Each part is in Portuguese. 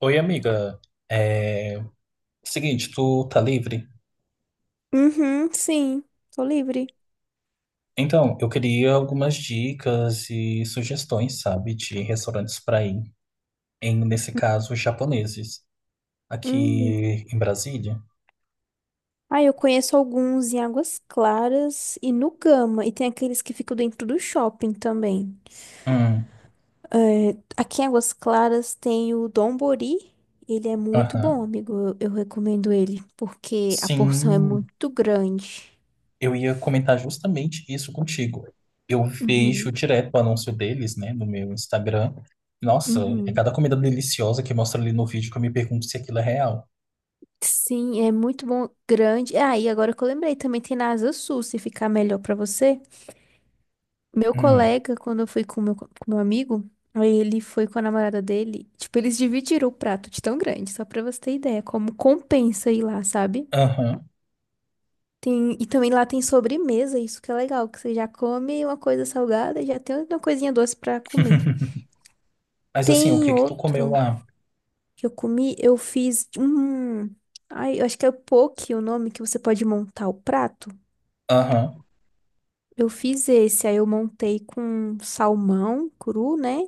Oi, amiga. É... Seguinte, tu tá livre? Uhum, sim, tô livre. Então, eu queria algumas dicas e sugestões, sabe, de restaurantes pra ir. Nesse caso, japoneses. Aqui Hum. em Brasília. Ah, eu conheço alguns em Águas Claras e no Gama. E tem aqueles que ficam dentro do shopping também. Hum, É, aqui em Águas Claras tem o Dombori. Ele é muito bom, aham. amigo. Eu recomendo ele, porque a porção é Sim, muito grande. eu ia comentar justamente isso contigo. Eu vejo Uhum, direto o anúncio deles, né, no meu Instagram. Nossa, é uhum. cada comida deliciosa que mostra ali no vídeo que eu me pergunto se aquilo é real. Sim, é muito bom, grande. Ah, e agora que eu lembrei, também tem na Asa Sul, se ficar melhor pra você. Meu Hum, colega, quando eu fui com com meu amigo, aí ele foi com a namorada dele. Tipo, eles dividiram o prato de tão grande, só pra você ter ideia, como compensa ir lá, sabe? aham. Tem, e também lá tem sobremesa, isso que é legal, que você já come uma coisa salgada e já tem uma coisinha doce pra comer. Mas assim, o Tem que que tu comeu outro lá? que eu comi, eu fiz um. Ai, eu acho que é o poke o nome que você pode montar o prato. Aham. Eu fiz esse, aí eu montei com salmão cru, né?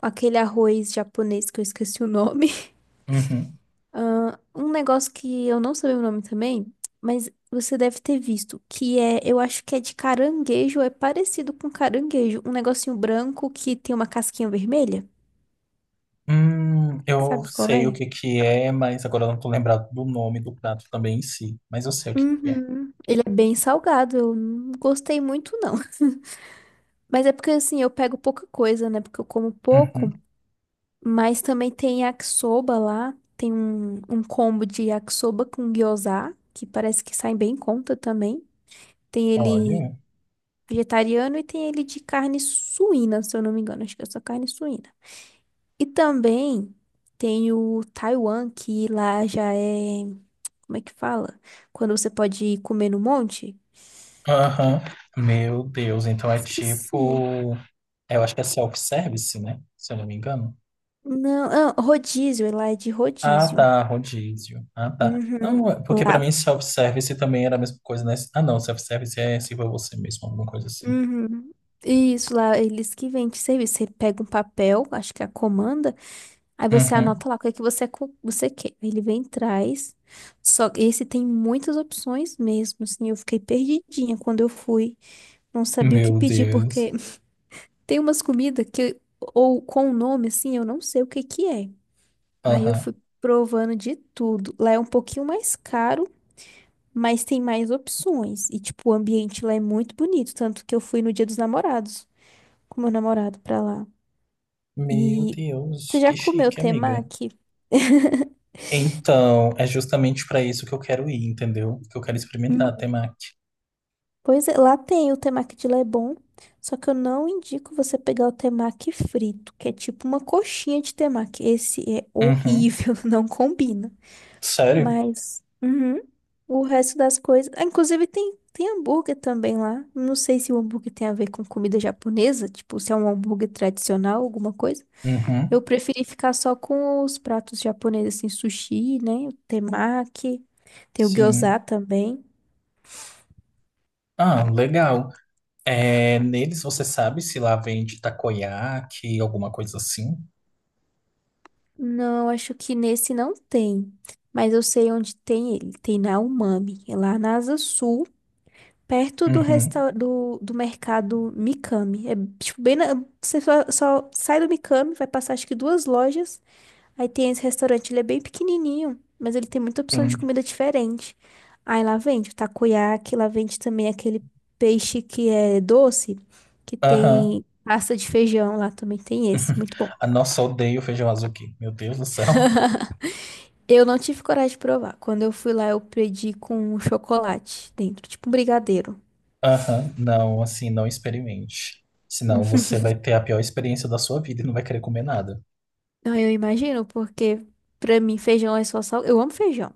Aquele arroz japonês que eu esqueci o nome. Uhum. Ah, um negócio que eu não sei o nome também, mas você deve ter visto, que é, eu acho que é de caranguejo, é parecido com caranguejo, um negocinho branco que tem uma casquinha vermelha. Eu Sabe qual sei o é? que que é, mas agora eu não tô lembrado do nome do prato também em si. Mas eu sei o que que é. Uhum. Ele é bem salgado, eu não gostei muito não. Mas é porque assim, eu pego pouca coisa, né? Porque eu como Uhum. pouco. Mas também tem yakisoba lá. Tem um combo de yakisoba com gyoza, que parece que sai bem em conta também. Tem ele Olha. vegetariano e tem ele de carne suína, se eu não me engano. Acho que é só carne suína. E também tem o Taiwan, que lá já é. Como é que fala? Quando você pode ir comer no monte? Aham. Meu Deus, então é Esqueci. tipo. É, eu acho que é self-service, né? Se eu não me engano. Não, ah, rodízio, lá é de Ah, rodízio. tá, rodízio. Ah, tá. Uhum. Não, é- porque pra Lá. mim self-service também era a mesma coisa, né? Ah, não, self-service é sirva você mesmo, alguma coisa assim. Uhum. Isso lá, eles que vendem serviço. Você pega um papel, acho que é a comanda, aí você Uhum. anota lá o que é que você quer. Aí ele vem e traz. Só que esse tem muitas opções mesmo, assim. Eu fiquei perdidinha quando eu fui. Não sabia o que Meu pedir, Deus. porque tem umas comidas que, ou com o nome, assim, eu não sei o que que é. Aí eu Aham. fui provando de tudo. Lá é um pouquinho mais caro. Mas tem mais opções. E, tipo, o ambiente lá é muito bonito. Tanto que eu fui no Dia dos Namorados com meu namorado pra lá. Meu E Deus, você já que comeu chique, amiga. temaki? Então, é justamente para isso que eu quero ir, entendeu? Que eu quero experimentar Hum. a temaki. Pois é, lá tem o temaki de Lebon, só que eu não indico você pegar o temaki frito, que é tipo uma coxinha de temaki. Esse é Uhum. horrível, não combina. Sério? Mas uhum, o resto das coisas, ah, inclusive tem hambúrguer também lá. Não sei se o hambúrguer tem a ver com comida japonesa, tipo se é um hambúrguer tradicional, alguma coisa. Uhum. Eu preferi ficar só com os pratos japoneses, assim, sushi, né? O temaki, tem o Sim. gyoza também. Ah, legal. É, neles você sabe se lá vende takoyaki, alguma coisa assim? Não, acho que nesse não tem, mas eu sei onde tem ele. Tem na Umami, é lá na Asa Sul, perto do, Uhum. Do mercado Mikami. É, tipo, bem na... Você só sai do Mikami, vai passar acho que duas lojas, aí tem esse restaurante, ele é bem pequenininho, mas ele tem muita opção de Sim. comida diferente. Aí lá vende o takoyaki, lá vende também aquele peixe que é doce, que Aham. tem pasta de feijão, lá também tem esse, muito bom. Ah, nossa, eu odeio feijão azul aqui. Meu Deus do céu. Eu não tive coragem de provar. Quando eu fui lá, eu pedi com um chocolate dentro, tipo um brigadeiro. Aham. Não, assim, não experimente. Senão você vai ter a pior experiência da sua vida e não vai querer comer nada. Ah, eu imagino, porque pra mim feijão é só sal. Eu amo feijão,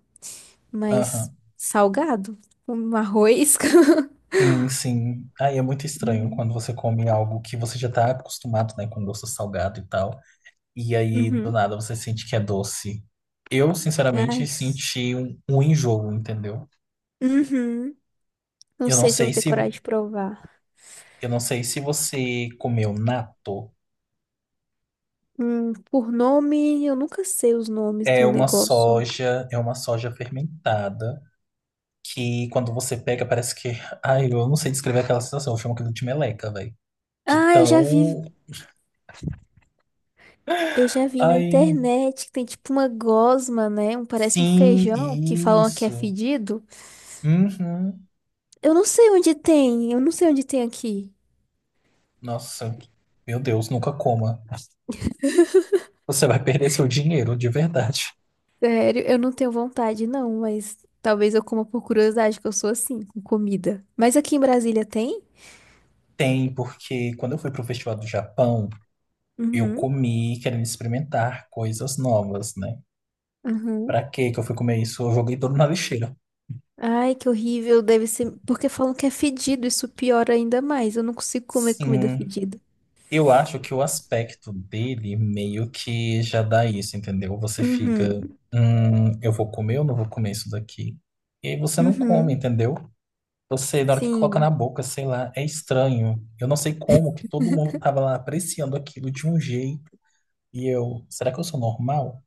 mas Aham. salgado, um arroz. Sim, sim. Aí é muito estranho Uhum. quando você come algo que você já tá acostumado, né, com doce salgado e tal, e aí do Uhum. nada você sente que é doce. Eu, sinceramente, Ai. senti um enjoo, entendeu? Uhum. Não Eu não sei se eu vou sei ter se coragem de provar. eu não sei se você comeu natto. Por nome, eu nunca sei os nomes do negócio. É uma soja fermentada que quando você pega parece que, ai, eu não sei descrever aquela sensação, eu chamo aquilo de meleca, velho. De Ah, tão, eu já vi na ai, internet que tem tipo uma gosma, né? Um, parece um sim, feijão que falam que é isso. fedido. Uhum. Eu não sei onde tem, eu não sei onde tem aqui. Nossa, meu Deus, nunca coma. Você vai perder seu dinheiro, de verdade. Sério, eu não tenho vontade, não, mas talvez eu coma por curiosidade, que eu sou assim, com comida. Mas aqui em Brasília tem? Tem, porque quando eu fui pro Festival do Japão, eu Uhum, comi querendo experimentar coisas novas, né? uhum. Pra que que eu fui comer isso? Eu joguei tudo na lixeira. Ai, que horrível, deve ser. Porque falam que é fedido, isso piora ainda mais. Eu não consigo comer comida Sim, fedida. eu acho que o aspecto dele meio que já dá isso, entendeu? Você fica, Uhum, eu vou comer ou não vou comer isso daqui? E aí você não come, uhum, entendeu? Eu sei, da hora que coloca na sim. boca, sei lá, é estranho. Eu não sei como que todo mundo tava lá apreciando aquilo de um jeito e eu, será que eu sou normal?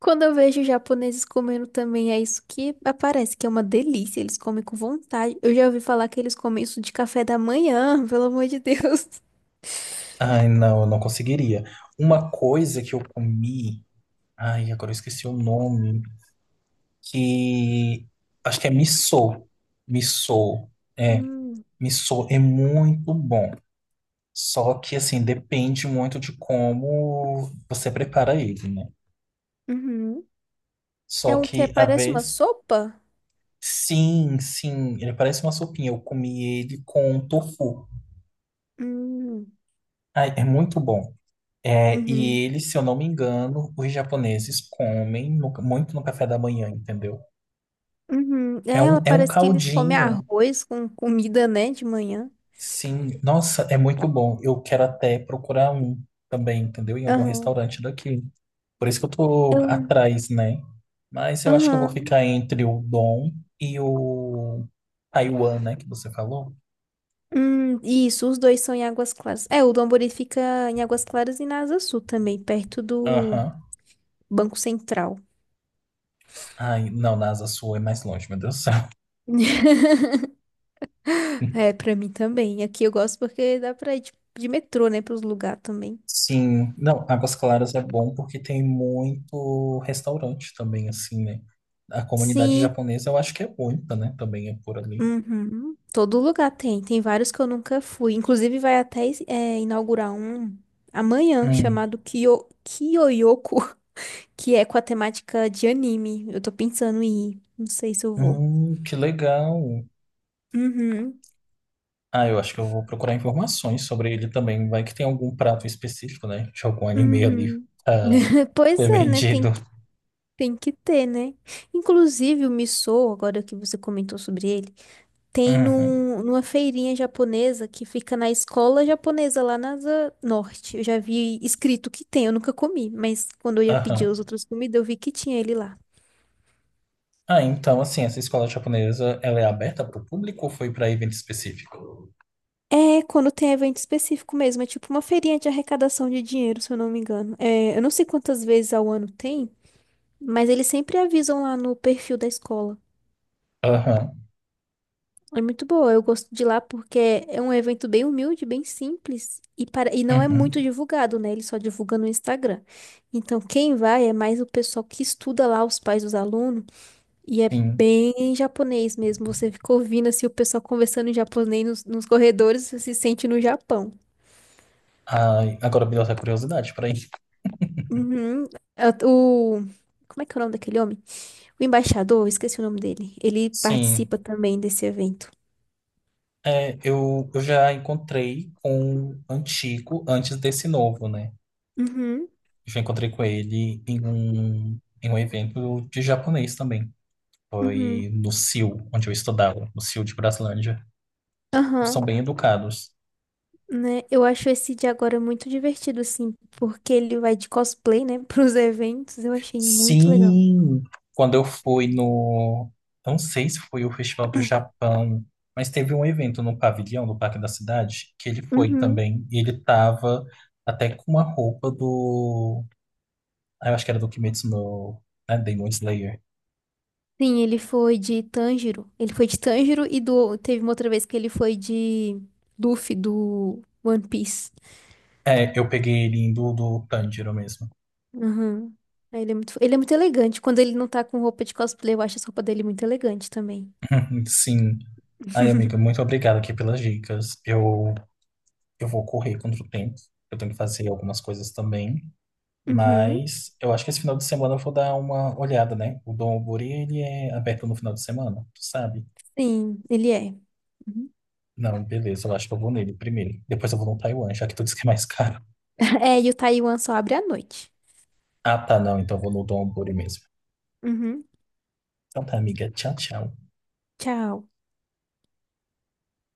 Quando eu vejo japoneses comendo também, é isso que aparece, que é uma delícia. Eles comem com vontade. Eu já ouvi falar que eles comem isso de café da manhã, pelo amor de Deus. Ai, não, eu não conseguiria. Uma coisa que eu comi, ai, agora eu esqueci o nome, que acho que é missô. Missô, é, Hum, missô é muito bom. Só que assim, depende muito de como você prepara ele, né? uhum. É Só um que que a parece uma vez sopa? Sim, sim, ele parece uma sopinha. Eu comi ele com tofu. Hum, Ai, é muito bom. É, uhum, e ele, se eu não me engano, os japoneses comem no- muito no café da manhã, entendeu? uhum. É, ela É um parece que eles comem caldinho, arroz com comida, né, de manhã. sim. Nossa, é muito bom. Eu quero até procurar um também, entendeu? Em algum Aham. restaurante daqui. Por isso que eu tô Eu- atrás, né? Mas eu acho que eu vou Aham. ficar entre o Dom e o Taiwan, né? Que você falou. Isso, os dois são em Águas Claras. É, o Domburi fica em Águas Claras e na Asa Sul também, perto do Aham. Banco Central. Ai, não, na Asa Sul é mais longe, meu Deus do céu. É, pra mim também. Aqui eu gosto porque dá pra ir de metrô, né, pros lugares também. Sim, não, Águas Claras é bom porque tem muito restaurante também, assim, né? A comunidade Sim, japonesa eu acho que é muita, né? Também é por ali. uhum. Todo lugar tem. Tem vários que eu nunca fui. Inclusive, vai até inaugurar um amanhã, Hum, chamado Kyo, Kyoyoku, que é com a temática de anime. Eu tô pensando em ir. Não sei se eu vou. Que legal. Uhum. Ah, eu acho que eu vou procurar informações sobre ele também. Vai que tem algum prato específico, né? De algum anime ali Uhum. ah, Pois ser é, né? Vendido. Tem que ter, né? Inclusive, o missô, agora que você comentou sobre ele, tem Uhum, numa feirinha japonesa que fica na escola japonesa lá na Asa Norte. Eu já vi escrito que tem, eu nunca comi, mas quando eu ia pedir aham. as outras comidas, eu vi que tinha ele lá. Ah, então, assim, essa escola japonesa, ela é aberta para o público ou foi para evento específico? É, quando tem evento específico mesmo, é tipo uma feirinha de arrecadação de dinheiro, se eu não me engano. É, eu não sei quantas vezes ao ano tem, mas eles sempre avisam lá no perfil da escola. Aham, É muito boa, eu gosto de lá porque é um evento bem humilde, bem simples e, para... e não é muito uhum. divulgado, né? Ele só divulga no Instagram. Então, quem vai é mais o pessoal que estuda lá, os pais dos alunos, e é Sim. bem japonês mesmo. Você fica ouvindo assim, o pessoal conversando em japonês nos corredores, você se sente no Japão. Ai, agora me deu até curiosidade, peraí. Uhum. É o... Como é que é o nome daquele homem? O embaixador, eu esqueci o nome dele. Ele Sim, participa também desse evento. é, eu já encontrei com o antigo antes desse novo, né? Uhum, Já encontrei com ele em um evento de japonês também. uhum. Foi no CIL, onde eu estudava, no CIL de Braslândia. São Aham. bem educados. Né? Eu acho esse de agora muito divertido, assim, porque ele vai de cosplay, né, pros eventos. Eu achei muito legal. Sim, quando eu fui no, não sei se foi o Festival do Japão, mas teve um evento no pavilhão do Parque da Cidade que ele foi Uhum. também e ele tava até com uma roupa do, ah, eu acho que era do Kimetsu no, né, Demon Slayer. Sim, ele foi de Tanjiro. Ele foi de Tanjiro e do... teve uma outra vez que ele foi de Luffy, do One Piece. É, eu peguei ele indo do Tanjiro mesmo. Uhum. Aí ele é muito... ele é muito elegante. Quando ele não tá com roupa de cosplay, eu acho essa roupa dele muito elegante também. Sim. Ai, amiga, muito obrigado aqui pelas dicas. Eu vou correr contra o tempo. Eu tenho que fazer algumas coisas também. Uhum. Mas eu acho que esse final de semana eu vou dar uma olhada, né? O Dom Alvori, ele é aberto no final de semana, tu sabe? Sim, ele é. Uhum. Não, beleza, eu acho que eu vou nele primeiro. Depois eu vou no Taiwan, já que tu disse que é mais caro. É, e o Taiwan só abre à noite. Ah, tá, não, então eu vou no Dom Alvori mesmo. Uhum. Então tá, amiga. Tchau, tchau. Tchau.